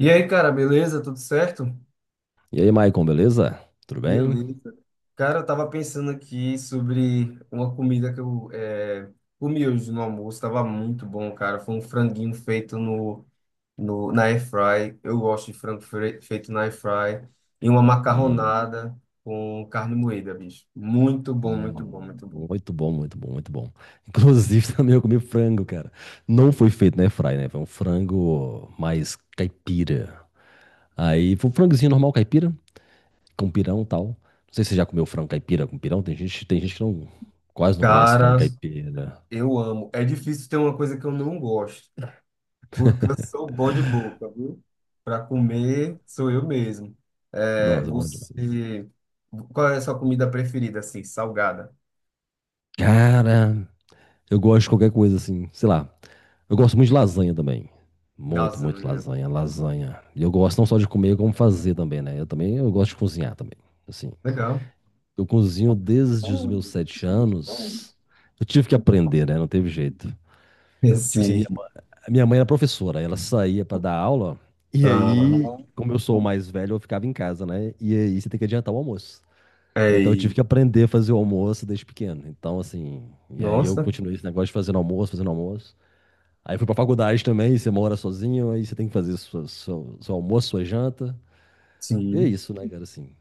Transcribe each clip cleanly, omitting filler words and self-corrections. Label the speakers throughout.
Speaker 1: E aí, cara, beleza? Tudo certo?
Speaker 2: E aí, Maicon, beleza? Tudo bem?
Speaker 1: Beleza. Cara, eu tava pensando aqui sobre uma comida que comi hoje no almoço. Tava muito bom, cara. Foi um franguinho feito no, no, na air fry. Eu gosto de feito na air fry. E uma
Speaker 2: Hum,
Speaker 1: macarronada com carne moída, bicho. Muito bom, muito bom, muito bom.
Speaker 2: muito bom, muito bom, muito bom. Inclusive, também eu comi frango, cara. Não foi feito na airfry, né? Foi um frango mais caipira. Aí, foi um frangozinho normal caipira, com pirão e tal. Não sei se você já comeu frango caipira com pirão. Tem gente que não, quase não conhece frango
Speaker 1: Cara,
Speaker 2: caipira.
Speaker 1: eu amo. É difícil ter uma coisa que eu não gosto, porque eu sou bom de boca, viu? Para comer, sou eu mesmo. É,
Speaker 2: Nossa, é bom demais.
Speaker 1: você, Qual é a sua comida preferida, assim, salgada?
Speaker 2: Cara. Eu gosto de qualquer coisa assim, sei lá. Eu gosto muito de lasanha também. Muito, muito
Speaker 1: Lasanha.
Speaker 2: lasanha, lasanha. E eu gosto não só de comer, como fazer também, né? Eu também, eu gosto de cozinhar também. Assim,
Speaker 1: Legal.
Speaker 2: eu cozinho desde os meus sete anos. Eu tive que aprender, né? Não teve jeito. Tipo assim, minha,
Speaker 1: Sim.
Speaker 2: ma- minha mãe era professora, ela saía pra dar aula, e
Speaker 1: Ah,
Speaker 2: aí, como eu sou o mais velho, eu ficava em casa, né? E aí você tem que adiantar o almoço. Então eu tive
Speaker 1: ei,
Speaker 2: que aprender a fazer o almoço desde pequeno. Então, assim, e aí eu
Speaker 1: nossa,
Speaker 2: continuei esse negócio de fazendo almoço, fazendo almoço. Aí fui pra faculdade também, você mora sozinho, aí você tem que fazer sua, seu almoço, sua janta. E é
Speaker 1: sim.
Speaker 2: isso, né, cara, assim.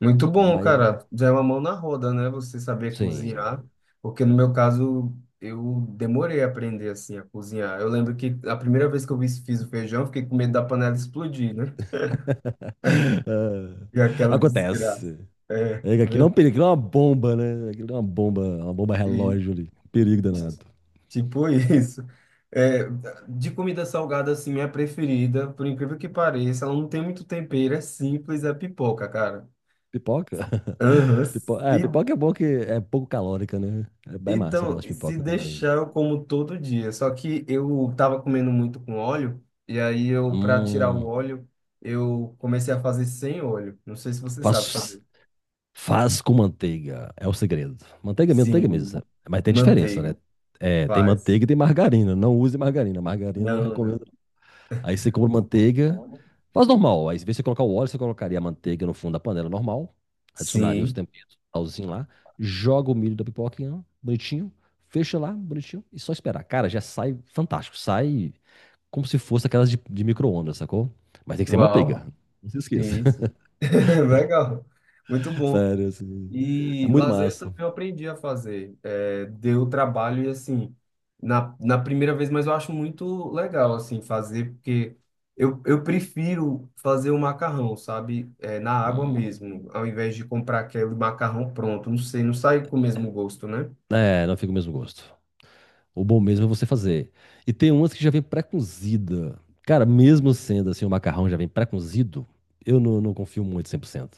Speaker 1: Muito bom,
Speaker 2: Mas,
Speaker 1: cara. Já é uma mão na roda, né? Você saber
Speaker 2: sim.
Speaker 1: cozinhar. Porque no meu caso, eu demorei a aprender, assim, a cozinhar. Eu lembro que a primeira vez que eu fiz o feijão, eu fiquei com medo da panela explodir, né? E
Speaker 2: Ah,
Speaker 1: aquela
Speaker 2: acontece.
Speaker 1: desgraça. É,
Speaker 2: É que aquilo é
Speaker 1: meu,
Speaker 2: um perigo, aquilo é uma bomba, né? Aquilo é uma bomba relógio
Speaker 1: e
Speaker 2: ali. Um perigo danado.
Speaker 1: tipo isso. É, de comida salgada, assim, minha preferida, por incrível que pareça, ela não tem muito tempero, é simples, é pipoca, cara.
Speaker 2: Pipoca?
Speaker 1: Aham.
Speaker 2: É,
Speaker 1: E-
Speaker 2: pipoca é bom que é pouco calórica, né? É bem massa, eu
Speaker 1: então,
Speaker 2: gosto de
Speaker 1: se
Speaker 2: pipoca também.
Speaker 1: deixar, eu como todo dia. Só que eu tava comendo muito com óleo, e aí eu, pra tirar o
Speaker 2: Hum,
Speaker 1: óleo, eu comecei a fazer sem óleo. Não sei se você sabe
Speaker 2: faço
Speaker 1: fazer.
Speaker 2: faz com manteiga, é o segredo. Manteiga, manteiga
Speaker 1: Sim,
Speaker 2: mesmo, mas tem diferença, né?
Speaker 1: manteiga,
Speaker 2: É, tem
Speaker 1: faz.
Speaker 2: manteiga e tem margarina. Não use margarina, margarina eu não
Speaker 1: Não, não.
Speaker 2: recomendo. Aí você compra manteiga, faz normal. Aí, em vez de você colocar o óleo, você colocaria a manteiga no fundo da panela normal, adicionaria os
Speaker 1: Sim,
Speaker 2: temperos, talzinho lá, joga o milho da pipoquinha, bonitinho, fecha lá, bonitinho, e só esperar. Cara, já sai fantástico, sai como se fosse aquelas de micro-ondas, sacou? Mas tem que ser manteiga,
Speaker 1: uau.
Speaker 2: não se esqueça.
Speaker 1: Sim, sim. Legal. Muito bom.
Speaker 2: Sério, assim. É
Speaker 1: E
Speaker 2: muito
Speaker 1: lasanha também
Speaker 2: massa.
Speaker 1: eu aprendi a fazer. É, deu trabalho e assim, na, na primeira vez, mas eu acho muito legal assim fazer, porque eu prefiro fazer o macarrão, sabe? É, na água
Speaker 2: Hum.
Speaker 1: mesmo, ao invés de comprar aquele macarrão pronto. Não sei, não sai com o mesmo gosto, né?
Speaker 2: É, não fica o mesmo gosto. O bom mesmo é você fazer. E tem umas que já vem pré-cozida. Cara, mesmo sendo assim, o macarrão já vem pré-cozido, eu não confio muito 100%.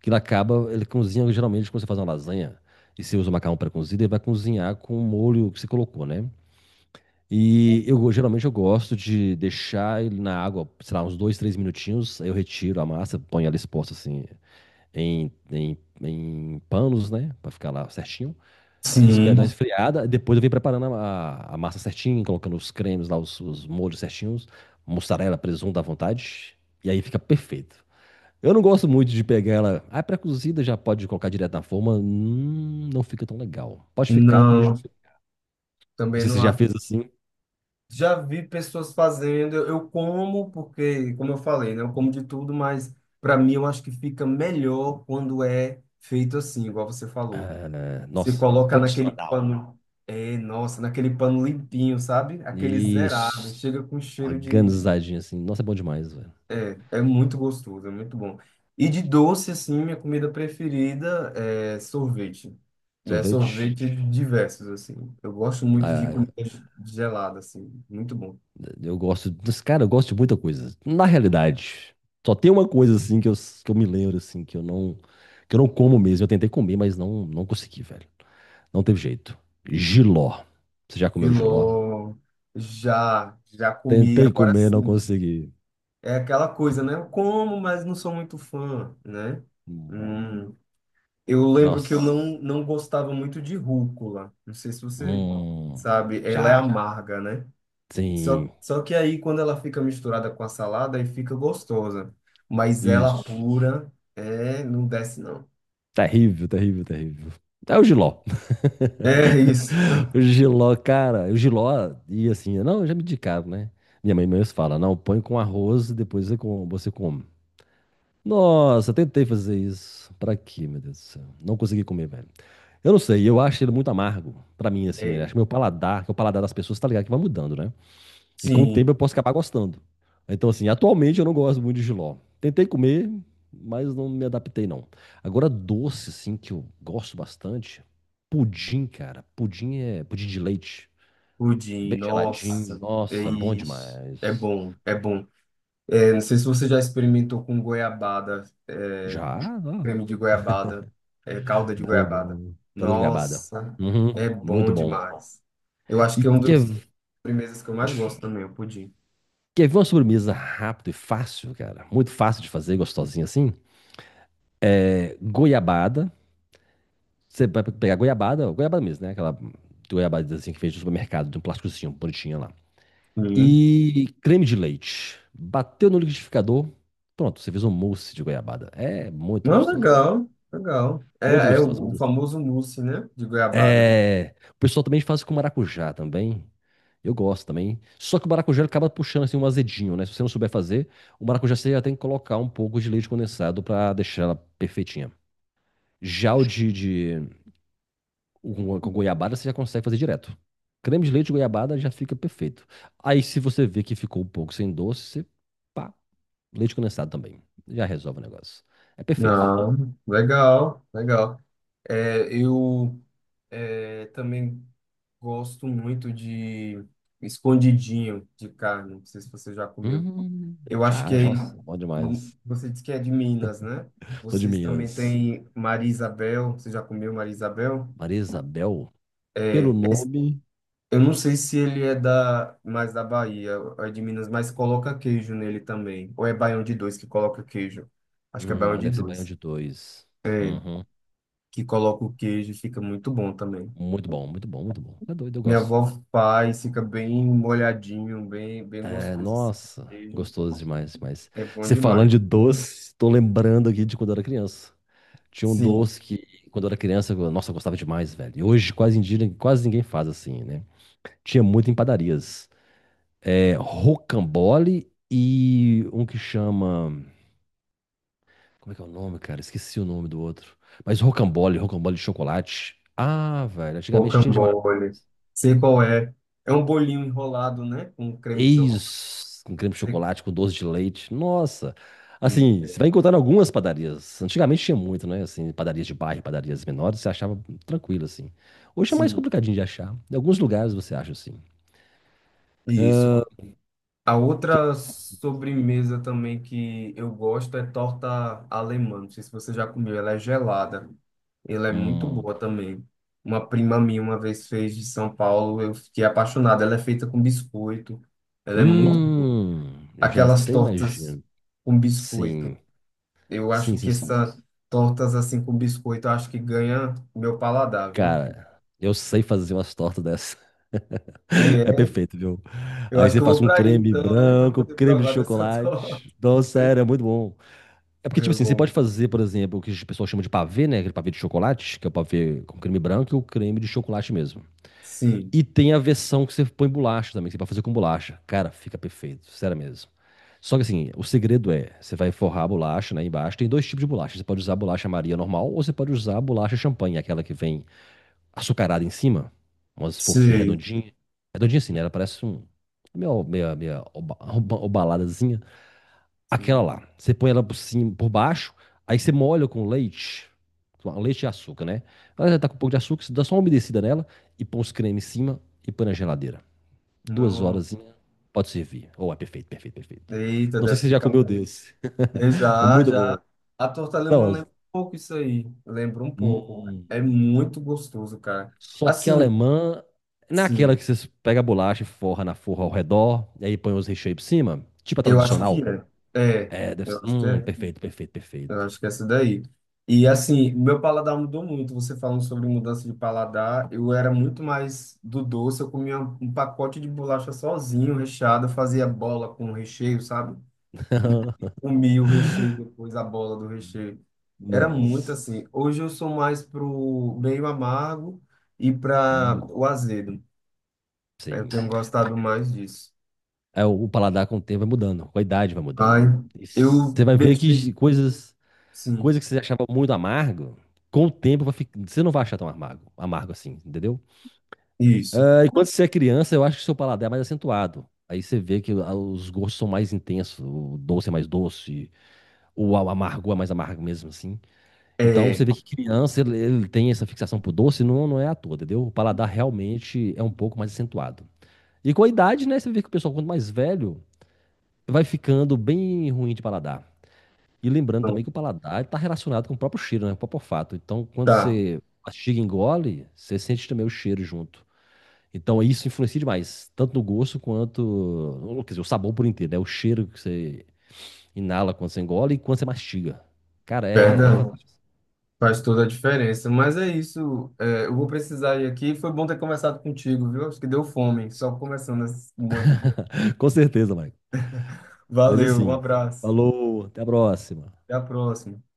Speaker 2: Que ele acaba, ele cozinha geralmente quando você faz uma lasanha e você usa o macarrão pré-cozido, ele vai cozinhar com o molho que você colocou, né? E eu geralmente eu gosto de deixar ele na água, sei lá, uns dois, três minutinhos, aí eu retiro a massa, ponho ela exposta assim em panos, né? Pra ficar lá certinho e esperar dar
Speaker 1: Sim.
Speaker 2: uma esfriada. Depois eu venho preparando a massa certinha, colocando os cremes lá, os molhos certinhos, mussarela, presunto à vontade. E aí fica perfeito. Eu não gosto muito de pegar ela. Ah, é pré-cozida já pode colocar direto na forma. Não fica tão legal. Pode ficar, pode.
Speaker 1: Não,
Speaker 2: Não
Speaker 1: também
Speaker 2: sei se
Speaker 1: não
Speaker 2: você já
Speaker 1: acho.
Speaker 2: fez assim.
Speaker 1: Já vi pessoas fazendo, eu como, porque, como eu falei, né? Eu como de tudo, mas para mim eu acho que fica melhor quando é feito assim, igual você falou.
Speaker 2: Ah,
Speaker 1: Você
Speaker 2: nossa,
Speaker 1: coloca naquele
Speaker 2: tradicional, né?
Speaker 1: pano, é, nossa, naquele pano limpinho, sabe? Aquele zerado,
Speaker 2: Isso.
Speaker 1: chega com cheiro de.
Speaker 2: Organizadinho assim. Nossa, é bom demais, velho.
Speaker 1: É, é muito gostoso, é muito bom. E de doce, assim, minha comida preferida é sorvete, né?
Speaker 2: Sorvete.
Speaker 1: Sorvete diversos, assim. Eu gosto muito de
Speaker 2: ah,
Speaker 1: comida gelada, assim, muito bom.
Speaker 2: Eu gosto. Cara, eu gosto de muita coisa. Na realidade, só tem uma coisa assim que eu me lembro, assim, que eu não. Que eu não como mesmo. Eu tentei comer, mas não consegui, velho. Não teve jeito. Jiló. Você já comeu jiló?
Speaker 1: Filó, já, já comi.
Speaker 2: Tentei
Speaker 1: Agora
Speaker 2: comer, não
Speaker 1: sim,
Speaker 2: consegui.
Speaker 1: é aquela coisa, né? Eu como, mas não sou muito fã, né?
Speaker 2: Hum,
Speaker 1: Hum, eu lembro que eu
Speaker 2: Nossa.
Speaker 1: não gostava muito de rúcula. Não sei se você
Speaker 2: Hum,
Speaker 1: sabe, ela é
Speaker 2: já.
Speaker 1: amarga, né? Só,
Speaker 2: Sim.
Speaker 1: só que aí, quando ela fica misturada com a salada, aí fica gostosa. Mas ela
Speaker 2: Isso.
Speaker 1: pura, é, não desce, não.
Speaker 2: Terrível, terrível, terrível. É o jiló.
Speaker 1: É isso.
Speaker 2: O Giló, cara, o Giló ia assim, não, eu já me indicaram, né? Minha mãe mesmo fala, não, põe com arroz e depois você você come. Nossa, tentei fazer isso. Pra quê, meu Deus do céu? Não consegui comer, velho. Eu não sei, eu acho ele muito amargo. Pra mim, assim, eu
Speaker 1: É,
Speaker 2: acho que meu paladar, que é o paladar das pessoas tá ligado que vai mudando, né? E com o
Speaker 1: sim,
Speaker 2: tempo eu posso acabar gostando. Então, assim, atualmente eu não gosto muito de jiló. Tentei comer, mas não me adaptei, não. Agora, doce, assim, que eu gosto bastante. Pudim, cara. Pudim é pudim de leite.
Speaker 1: pudim,
Speaker 2: Bem geladinho.
Speaker 1: nossa, é
Speaker 2: Nossa, bom
Speaker 1: isso. É
Speaker 2: demais.
Speaker 1: bom, é bom. Eu não sei se você já experimentou com goiabada, é,
Speaker 2: Já? Ó.
Speaker 1: creme de goiabada, é, calda de
Speaker 2: Bom,
Speaker 1: goiabada.
Speaker 2: bom. Caldo de goiabada.
Speaker 1: Nossa,
Speaker 2: Uhum,
Speaker 1: é
Speaker 2: muito
Speaker 1: bom
Speaker 2: bom.
Speaker 1: demais. Eu acho
Speaker 2: E
Speaker 1: que é uma
Speaker 2: quer,
Speaker 1: das sobremesas que eu mais gosto também, o pudim.
Speaker 2: quer ver uma sobremesa rápido e fácil, cara? Muito fácil de fazer, gostosinha assim? É, goiabada. Você vai pegar goiabada, goiabada mesmo, né? Aquela goiabada assim que fez no supermercado, de um plásticozinho, bonitinha lá.
Speaker 1: Uhum.
Speaker 2: E creme de leite. Bateu no liquidificador. Pronto, você fez um mousse de goiabada. É
Speaker 1: Não, legal, legal.
Speaker 2: muito
Speaker 1: É, é
Speaker 2: gostoso,
Speaker 1: o,
Speaker 2: muito
Speaker 1: o
Speaker 2: gostoso.
Speaker 1: famoso mousse, né, de goiabada.
Speaker 2: É, o pessoal também faz com maracujá também. Eu gosto também. Só que o maracujá ele acaba puxando assim um azedinho, né? Se você não souber fazer, o maracujá você já tem que colocar um pouco de leite condensado pra deixar ela perfeitinha. Já o com goiabada você já consegue fazer direto. Creme de leite e goiabada já fica perfeito. Aí se você vê que ficou um pouco sem doce, você pá, leite condensado também. Já resolve o negócio. É perfeito.
Speaker 1: Não, legal, legal. É, eu também gosto muito de escondidinho de carne. Não sei se você já comeu.
Speaker 2: Hum,
Speaker 1: Eu acho que
Speaker 2: já,
Speaker 1: aí,
Speaker 2: nossa, bom demais.
Speaker 1: você disse que é de Minas, né?
Speaker 2: Sou de
Speaker 1: Vocês também
Speaker 2: Minas.
Speaker 1: têm Maria Isabel. Você já comeu Maria Isabel?
Speaker 2: Maria Isabel. Pelo
Speaker 1: É, es-
Speaker 2: nome,
Speaker 1: eu não sei se ele é da mais da Bahia, ou é de Minas, mas coloca queijo nele também. Ou é baião de dois que coloca queijo? Acho que é baião de
Speaker 2: deve ser Baião
Speaker 1: dois
Speaker 2: de Dois. Uhum.
Speaker 1: que coloca o queijo, e fica muito bom também.
Speaker 2: Muito bom, muito bom, muito bom. É doido, eu
Speaker 1: Minha
Speaker 2: gosto.
Speaker 1: avó faz, fica bem molhadinho, bem
Speaker 2: É,
Speaker 1: gostoso assim.
Speaker 2: nossa,
Speaker 1: Queijo
Speaker 2: gostoso demais, mas
Speaker 1: é bom
Speaker 2: você falando de
Speaker 1: demais.
Speaker 2: doce, tô lembrando aqui de quando eu era criança. Tinha um
Speaker 1: Sim.
Speaker 2: doce que, quando eu era criança, nossa, eu gostava demais, velho. E hoje quase, em dia, quase ninguém faz assim, né? Tinha muito em padarias. É, rocambole e um que chama. Como é que é o nome, cara? Esqueci o nome do outro. Mas rocambole, rocambole de chocolate. Ah, velho, antigamente tinha demais.
Speaker 1: Rocambole. Sei qual é. É um bolinho enrolado, né? Com creme de chocolate.
Speaker 2: Eis, com creme de
Speaker 1: Sei-
Speaker 2: chocolate, com doce de leite. Nossa.
Speaker 1: Eita.
Speaker 2: Assim, você vai encontrar em algumas padarias. Antigamente tinha muito, né? Assim, padarias de bairro, padarias menores, você achava tranquilo, assim. Hoje é mais
Speaker 1: Sim,
Speaker 2: complicadinho de achar. Em alguns lugares você acha, assim.
Speaker 1: isso. A
Speaker 2: Que-
Speaker 1: outra
Speaker 2: assim,
Speaker 1: sobremesa também que eu gosto é torta alemã. Não sei se você já comeu. Ela é gelada. Ela é muito
Speaker 2: hum,
Speaker 1: boa também. Uma prima minha uma vez fez de São Paulo. Eu fiquei apaixonado. Ela é feita com biscoito. Ela é muito...
Speaker 2: eu já
Speaker 1: Aquelas
Speaker 2: até
Speaker 1: tortas
Speaker 2: imagino.
Speaker 1: com biscoito.
Speaker 2: Sim,
Speaker 1: Eu
Speaker 2: sim,
Speaker 1: acho que
Speaker 2: sim, sim.
Speaker 1: essas tortas assim com biscoito, eu acho que ganha o meu paladar, viu?
Speaker 2: Cara, eu sei fazer umas tortas dessas.
Speaker 1: E
Speaker 2: É
Speaker 1: é,
Speaker 2: perfeito, viu?
Speaker 1: eu
Speaker 2: Aí
Speaker 1: acho
Speaker 2: você
Speaker 1: que eu
Speaker 2: faz
Speaker 1: vou
Speaker 2: um
Speaker 1: para aí
Speaker 2: creme
Speaker 1: então, né, para
Speaker 2: branco,
Speaker 1: poder
Speaker 2: creme de
Speaker 1: provar dessa
Speaker 2: chocolate.
Speaker 1: torta.
Speaker 2: Nossa, sério, é muito bom. É porque,
Speaker 1: É
Speaker 2: tipo assim, você pode
Speaker 1: bom.
Speaker 2: fazer, por exemplo, o que o pessoal chama de pavê, né? Aquele pavê de chocolate, que é o pavê com creme branco e o creme de chocolate mesmo.
Speaker 1: Sim,
Speaker 2: E tem a versão que você põe bolacha também, que você pode fazer com bolacha. Cara, fica perfeito, sério mesmo. Só que assim, o segredo é, você vai forrar a bolacha, né, embaixo. Tem dois tipos de bolacha. Você pode usar a bolacha Maria normal ou você pode usar a bolacha champanhe, aquela que vem açucarada em cima, umas fofinhas
Speaker 1: sim,
Speaker 2: redondinhas. Redondinha assim, né? Ela parece um meio obaladazinha. Aquela
Speaker 1: sim.
Speaker 2: lá. Você põe ela por cima, por baixo, aí você molha com leite e açúcar, né? Ela já tá com um pouco de açúcar, você dá só uma umedecida nela e põe os cremes em cima e põe na geladeira. Duas
Speaker 1: Não,
Speaker 2: horas, pode servir. Oh, é perfeito, perfeito, perfeito.
Speaker 1: eita,
Speaker 2: Não sei se
Speaker 1: deve
Speaker 2: você já
Speaker 1: ficar
Speaker 2: comeu
Speaker 1: bom.
Speaker 2: desse.
Speaker 1: E
Speaker 2: É
Speaker 1: já,
Speaker 2: muito bom.
Speaker 1: já. A torta alemã
Speaker 2: Não,
Speaker 1: lembra um pouco isso aí. Lembra um pouco.
Speaker 2: hum,
Speaker 1: É muito gostoso, cara.
Speaker 2: só que a
Speaker 1: Assim,
Speaker 2: alemã,
Speaker 1: sim,
Speaker 2: naquela que você pega a bolacha e forra na forra ao redor, e aí põe os recheios por cima, tipo a
Speaker 1: eu acho que
Speaker 2: tradicional.
Speaker 1: é. É,
Speaker 2: É, deve
Speaker 1: eu
Speaker 2: ser.
Speaker 1: acho que é.
Speaker 2: Perfeito, perfeito,
Speaker 1: Eu
Speaker 2: perfeito.
Speaker 1: acho que é essa daí. E assim, meu paladar mudou muito. Você falando sobre mudança de paladar, eu era muito mais do doce. Eu comia um pacote de bolacha sozinho, recheado, eu fazia bola com recheio, sabe? Comia o recheio, depois a bola do recheio. Era muito
Speaker 2: Nossa.
Speaker 1: assim. Hoje eu sou mais pro meio amargo e para
Speaker 2: Hum,
Speaker 1: o azedo. Eu
Speaker 2: sim.
Speaker 1: tenho gostado mais disso.
Speaker 2: É, o paladar com o tempo vai mudando, com a idade vai
Speaker 1: Ai,
Speaker 2: mudando. E
Speaker 1: eu
Speaker 2: você vai ver
Speaker 1: deixei.
Speaker 2: que coisas,
Speaker 1: Sim,
Speaker 2: coisas que você achava muito amargo, com o tempo vai ficar, você não vai achar tão amargo, amargo assim, entendeu?
Speaker 1: isso.
Speaker 2: É, e quando você é criança, eu acho que seu paladar é mais acentuado. Aí você vê que os gostos são mais intensos, o doce é mais doce, o amargo é mais amargo mesmo, assim. Então você
Speaker 1: É,
Speaker 2: vê que criança ele tem essa fixação por doce, não é à toa, entendeu? O paladar realmente é um pouco mais acentuado. E com a idade, né, você vê que o pessoal quanto mais velho vai ficando bem ruim de paladar. E lembrando também
Speaker 1: então,
Speaker 2: que o paladar está relacionado com o próprio cheiro, né? Com o próprio olfato. Então, quando
Speaker 1: tá,
Speaker 2: você mastiga e engole, você sente também o cheiro junto. Então, isso influencia demais, tanto no gosto quanto, ou, quer dizer, o sabor por inteiro, né? O cheiro que você inala quando você engole e quando você mastiga. Cara, é
Speaker 1: verdade.
Speaker 2: fantástico.
Speaker 1: Faz toda a diferença. Mas é isso. É, eu vou precisar ir aqui. Foi bom ter conversado contigo, viu? Acho que deu fome, só conversando esse monte de coisa.
Speaker 2: Com certeza, Mike. Mas
Speaker 1: Valeu, um
Speaker 2: assim,
Speaker 1: abraço.
Speaker 2: falou, até a próxima.
Speaker 1: Até a próxima.